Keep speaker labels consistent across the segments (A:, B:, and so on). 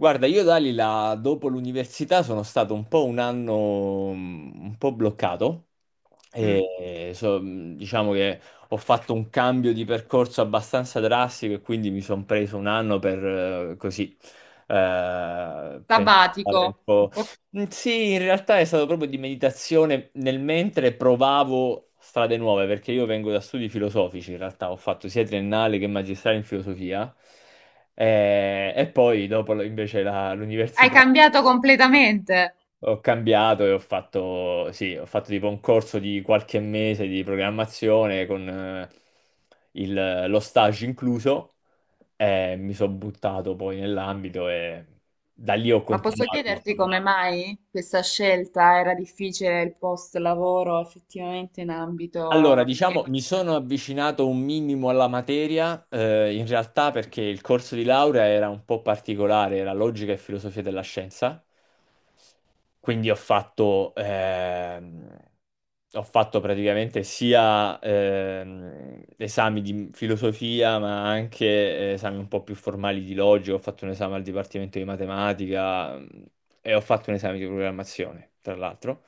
A: Guarda, io Dalila, dopo l'università sono stato un po' un anno un po' bloccato
B: Mm.
A: e diciamo che ho fatto un cambio di percorso abbastanza drastico e quindi mi sono preso un anno per così
B: Sabbatico.
A: pensare un po'.
B: O-
A: Mm, sì, in realtà è stato proprio di meditazione nel mentre provavo strade nuove, perché io vengo da studi filosofici, in realtà ho fatto sia triennale che magistrale in filosofia. E poi dopo invece
B: Hai
A: l'università
B: cambiato completamente.
A: ho cambiato e ho fatto, sì, ho fatto tipo un corso di qualche mese di programmazione con lo stage incluso e mi sono buttato poi nell'ambito e da lì ho
B: Ma posso
A: continuato,
B: chiederti
A: diciamo.
B: come mai questa scelta era difficile il post lavoro effettivamente in
A: Allora,
B: ambito.
A: diciamo, mi sono avvicinato un minimo alla materia, in realtà perché il corso di laurea era un po' particolare, era logica e filosofia della scienza. Quindi ho fatto praticamente sia esami di filosofia, ma anche esami un po' più formali di logica. Ho fatto un esame al dipartimento di matematica e ho fatto un esame di programmazione, tra l'altro.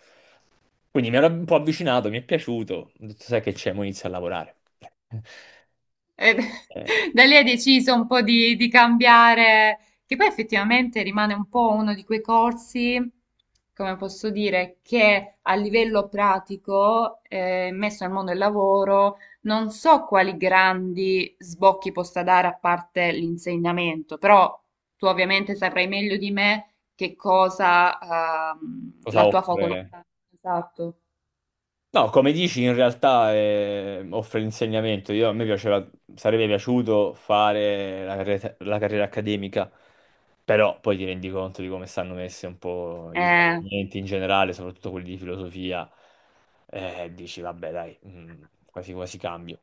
A: Quindi mi ero un po' avvicinato, mi è piaciuto. Ho detto, sai che c'è, mo inizio a lavorare.
B: E
A: Eh,
B: da lì hai deciso un po' di cambiare, che poi effettivamente rimane un po' uno di quei corsi, come posso dire, che a livello pratico, messo al mondo del lavoro, non so quali grandi sbocchi possa dare a parte l'insegnamento, però tu ovviamente saprai meglio di me che cosa,
A: cosa
B: la tua
A: offre?
B: facoltà. Esatto.
A: No, come dici, in realtà offre l'insegnamento. Io, a me piaceva, sarebbe piaciuto fare la carriera accademica, però poi ti rendi conto di come stanno messe un po' i
B: Eh.
A: dipartimenti in generale, soprattutto quelli di filosofia, dici, vabbè, dai, quasi quasi cambio.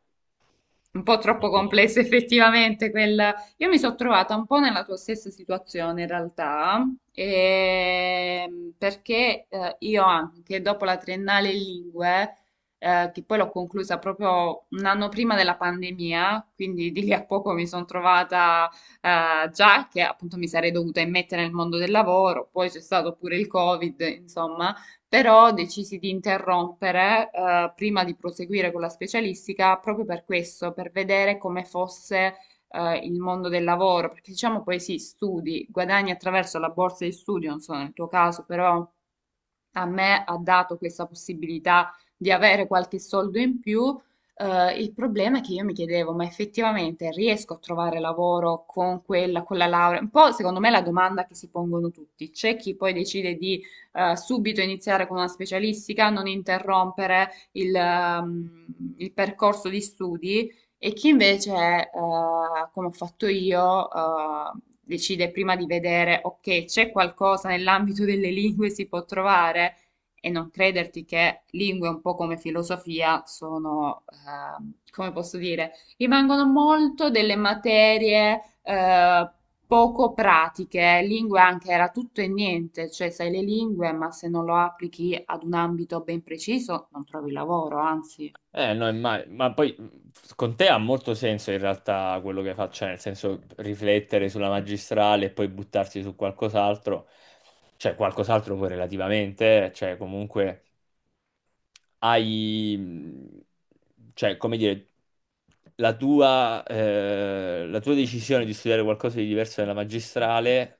B: Un po' troppo
A: Eh,
B: complesso effettivamente quel... Io mi sono trovata un po' nella tua stessa situazione in realtà, perché io anche dopo la triennale in lingue, che poi l'ho conclusa proprio un anno prima della pandemia, quindi di lì a poco mi sono trovata già che appunto mi sarei dovuta immettere nel mondo del lavoro, poi c'è stato pure il Covid, insomma, però decisi di interrompere, prima di proseguire con la specialistica, proprio per questo, per vedere come fosse, il mondo del lavoro, perché diciamo poi sì, studi, guadagni attraverso la borsa di studio, non so nel tuo caso, però a me ha dato questa possibilità di avere qualche soldo in più. Il problema è che io mi chiedevo, ma effettivamente riesco a trovare lavoro con quella, con la laurea? Un po' secondo me è la domanda che si pongono tutti. C'è chi poi decide di subito iniziare con una specialistica, non interrompere il percorso di studi. E chi invece, come ho fatto io, decide prima di vedere, ok, c'è qualcosa nell'ambito delle lingue si può trovare e non crederti che lingue un po' come filosofia sono, come posso dire, rimangono molto delle materie poco pratiche. Lingue anche era tutto e niente, cioè sai le lingue, ma se non lo applichi ad un ambito ben preciso non trovi lavoro, anzi,
A: No, ma poi con te ha molto senso in realtà quello che faccio, cioè, nel senso riflettere sulla magistrale e poi buttarsi su qualcos'altro, cioè qualcos'altro poi relativamente, cioè comunque hai, cioè come dire, la tua decisione di studiare qualcosa di diverso nella magistrale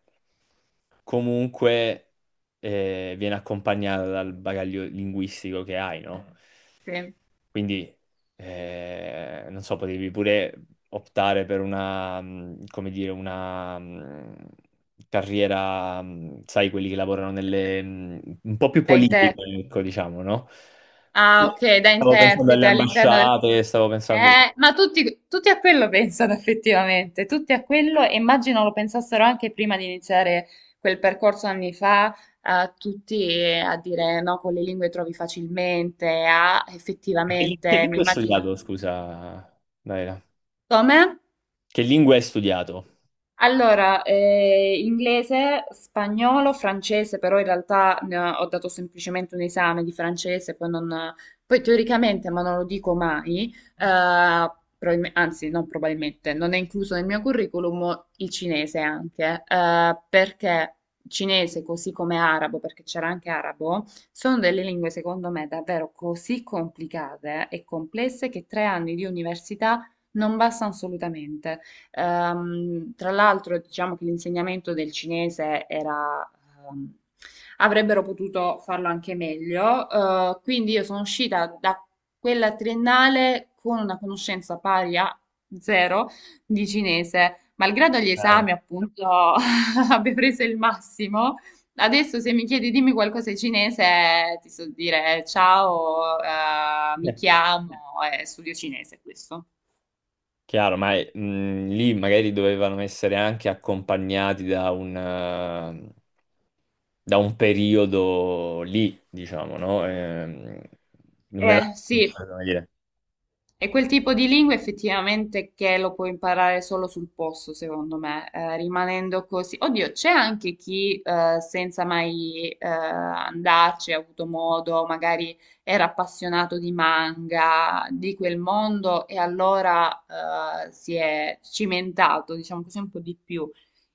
A: comunque viene accompagnata dal bagaglio linguistico che hai, no?
B: sì.
A: Quindi, non so, potevi pure optare per una, come dire, una carriera, sai, quelli che lavorano nelle, un po' più
B: Da in te.
A: politica, ecco, diciamo, no?
B: Ah, ok,
A: No,
B: da
A: stavo pensando alle
B: interprete all'interno del...
A: ambasciate, stavo pensando...
B: Ma tutti, tutti a quello pensano effettivamente, tutti a quello, e immagino lo pensassero anche prima di iniziare quel percorso anni fa, a tutti a dire no, con le lingue trovi facilmente, a
A: Che
B: effettivamente, mi
A: lingua hai
B: immagino.
A: studiato, scusa, Daira?
B: Come?
A: Che lingua hai studiato?
B: Allora, inglese, spagnolo, francese, però in realtà ne ho dato semplicemente un esame di francese, poi, non, poi teoricamente, ma non lo dico mai, eh, anzi non probabilmente, non è incluso nel mio curriculum il cinese anche, perché cinese così come arabo, perché c'era anche arabo, sono delle lingue secondo me davvero così complicate e complesse che tre anni di università non bastano assolutamente. Tra l'altro, diciamo che l'insegnamento del cinese era, ehm, avrebbero potuto farlo anche meglio, quindi io sono uscita da quella triennale con una conoscenza pari a zero di cinese, malgrado gli
A: Ah,
B: esami, appunto, abbia preso il massimo. Adesso se mi chiedi dimmi qualcosa in cinese, ti so dire ciao, mi
A: eh,
B: chiamo, e studio cinese questo.
A: Chiaro, ma lì magari dovevano essere anche accompagnati da un periodo lì, diciamo, no? Non era come
B: Sì,
A: dire.
B: è quel tipo di lingua effettivamente che lo puoi imparare solo sul posto, secondo me, rimanendo così. Oddio, c'è anche chi senza mai andarci ha avuto modo, magari era appassionato di manga, di quel mondo e allora si è cimentato, diciamo così, un po' di più.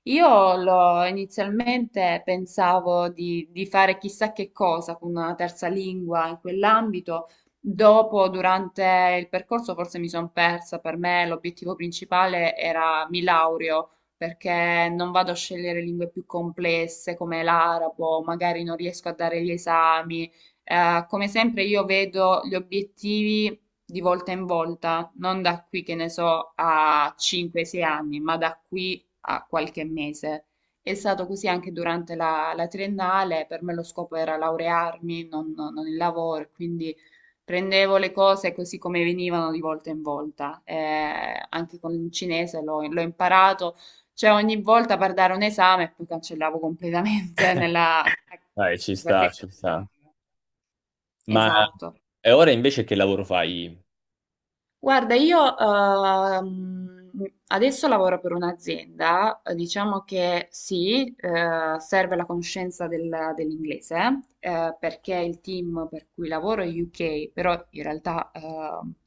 B: Io inizialmente pensavo di fare chissà che cosa con una terza lingua in quell'ambito. Dopo, durante il percorso, forse mi sono persa. Per me l'obiettivo principale era mi laureo, perché non vado a scegliere lingue più complesse come l'arabo, magari non riesco a dare gli esami. Come sempre io vedo gli obiettivi di volta in volta, non da qui che ne so a 5-6 anni, ma da qui a qualche mese. È stato così anche durante la triennale, per me lo scopo era laurearmi, non il lavoro, quindi prendevo le cose così come venivano di volta in volta, anche con il cinese l'ho imparato, cioè ogni volta per dare un esame poi cancellavo completamente nella... anche
A: Dai, ci sta,
B: perché...
A: ci sta. Ma
B: Esatto.
A: e ora invece che lavoro fai?
B: Guarda, io adesso lavoro per un'azienda, diciamo che sì, serve la conoscenza dell'inglese, perché il team per cui lavoro è UK, però in realtà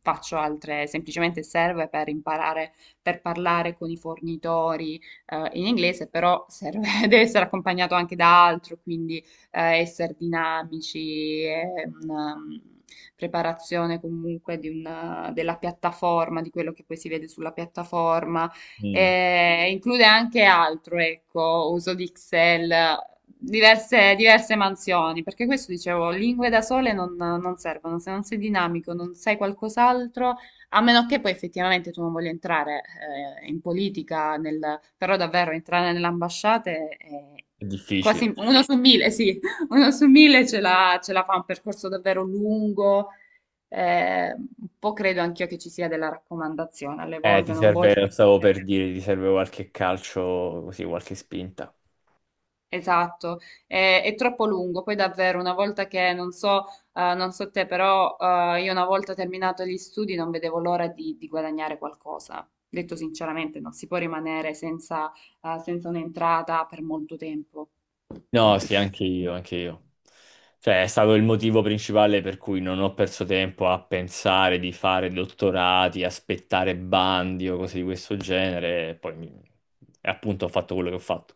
B: faccio altre, semplicemente serve per imparare, per parlare con i fornitori in inglese, però deve essere accompagnato anche da altro, quindi essere dinamici, è una preparazione comunque di della piattaforma, di quello che poi si vede sulla piattaforma.
A: Mm,
B: E include anche altro, ecco, uso di Excel, diverse mansioni, perché questo dicevo, lingue da sole non servono, se non sei dinamico, non sai qualcos'altro, a meno che poi effettivamente tu non voglia entrare in politica, però davvero entrare nelle ambasciate è
A: è difficile.
B: quasi uno su mille, sì, una su mille ce la fa un percorso davvero lungo, un po' credo anch'io che ci sia della raccomandazione, alle volte
A: Ti
B: non voglio...
A: serve, stavo per dire, ti serve qualche calcio, così, qualche spinta.
B: Esatto, è, troppo lungo, poi davvero una volta che, non so, non so te, però io una volta terminato gli studi non vedevo l'ora di guadagnare qualcosa. Detto sinceramente, non si può rimanere senza, senza un'entrata per molto tempo.
A: No, sì, anche io, anche io. Cioè, è stato il motivo principale per cui non ho perso tempo a pensare di fare dottorati, aspettare bandi o cose di questo genere, e poi e appunto ho fatto quello che ho fatto.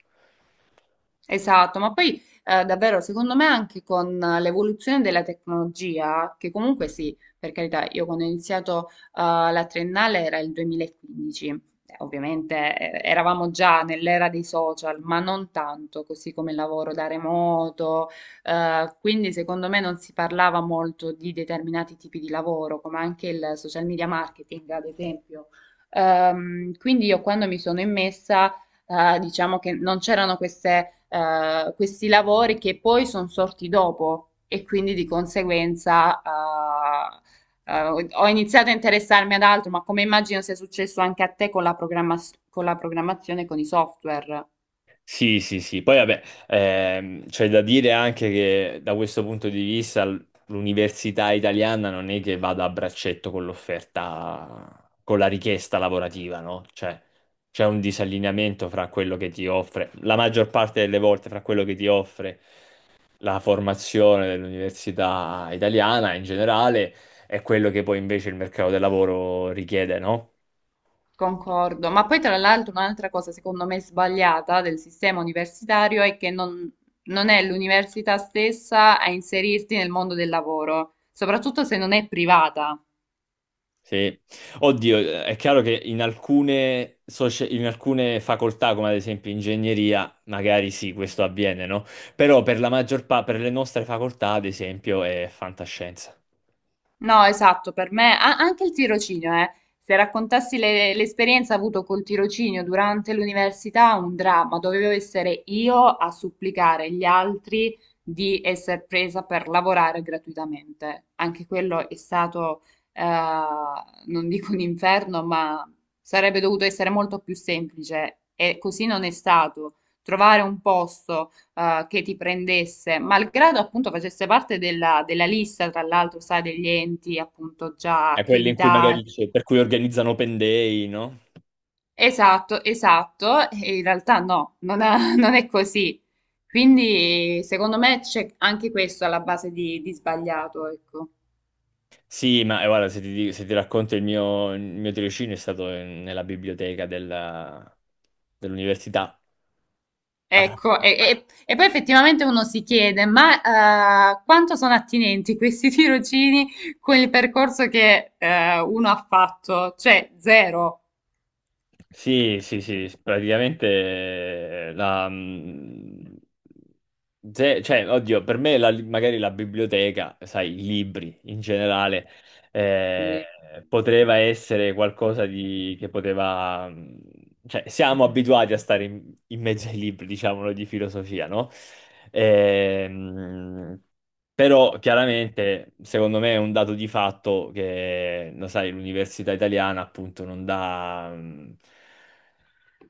B: Esatto, ma poi davvero secondo me anche con l'evoluzione della tecnologia, che comunque sì, per carità, io quando ho iniziato la triennale era il 2015, ovviamente eravamo già nell'era dei social, ma non tanto, così come il lavoro da remoto, quindi secondo me non si parlava molto di determinati tipi di lavoro, come anche il social media marketing, ad esempio. Quindi io quando mi sono immessa diciamo che non c'erano queste, questi lavori che poi sono sorti dopo e quindi di conseguenza eh, ho iniziato a interessarmi ad altro, ma come immagino sia successo anche a te con la programmazione, con i software.
A: Sì, sì, sì. Poi vabbè, c'è da dire anche che da questo punto di vista l'università italiana non è che vada a braccetto con l'offerta, con la richiesta lavorativa, no? Cioè, c'è un disallineamento fra quello che ti offre, la maggior parte delle volte fra quello che ti offre la formazione dell'università italiana in generale e quello che poi invece il mercato del lavoro richiede, no?
B: Concordo, ma poi tra l'altro un'altra cosa secondo me sbagliata del sistema universitario è che non è l'università stessa a inserirti nel mondo del lavoro, soprattutto se non è privata.
A: Sì, oddio, è chiaro che in alcune, in alcune facoltà, come ad esempio ingegneria, magari sì, questo avviene, no? Però per la maggior parte, per le nostre facoltà, ad esempio, è fantascienza.
B: No, esatto, per me anche il tirocinio, eh. Se raccontassi l'esperienza avuto col tirocinio durante l'università, un dramma, dovevo essere io a supplicare gli altri di essere presa per lavorare gratuitamente. Anche quello è stato, eh, non dico un inferno, ma sarebbe dovuto essere molto più semplice e così non è stato. Trovare un posto che ti prendesse, malgrado appunto facesse parte della lista, tra l'altro, sai, degli enti appunto già
A: È quelle in cui magari
B: accreditati.
A: c'è, per cui organizzano open day, no?
B: Esatto, esatto, e in realtà no, non è, non è così. Quindi secondo me c'è anche questo alla base di sbagliato, ecco.
A: Sì, ma guarda, se ti, se ti racconto il mio tirocinio è stato nella biblioteca dell'università.
B: Ecco, e poi effettivamente uno si chiede, ma quanto sono attinenti questi tirocini con il percorso che uno ha fatto? Cioè, zero.
A: Sì, sì, sì, praticamente la... cioè, oddio, per me magari la biblioteca, sai, i libri in generale, eh,
B: Sì.
A: poteva essere qualcosa di... che poteva... cioè, siamo abituati a stare in, in mezzo ai libri, diciamolo, di filosofia, no? Ehm, però, chiaramente, secondo me è un dato di fatto che, lo sai, l'università italiana appunto non dà...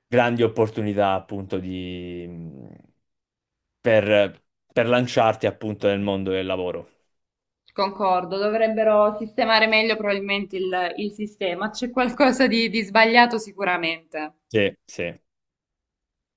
A: grandi opportunità appunto di, per, per lanciarti appunto nel mondo del lavoro.
B: Concordo, dovrebbero sistemare meglio probabilmente il sistema, c'è qualcosa di sbagliato sicuramente.
A: Sì, sì.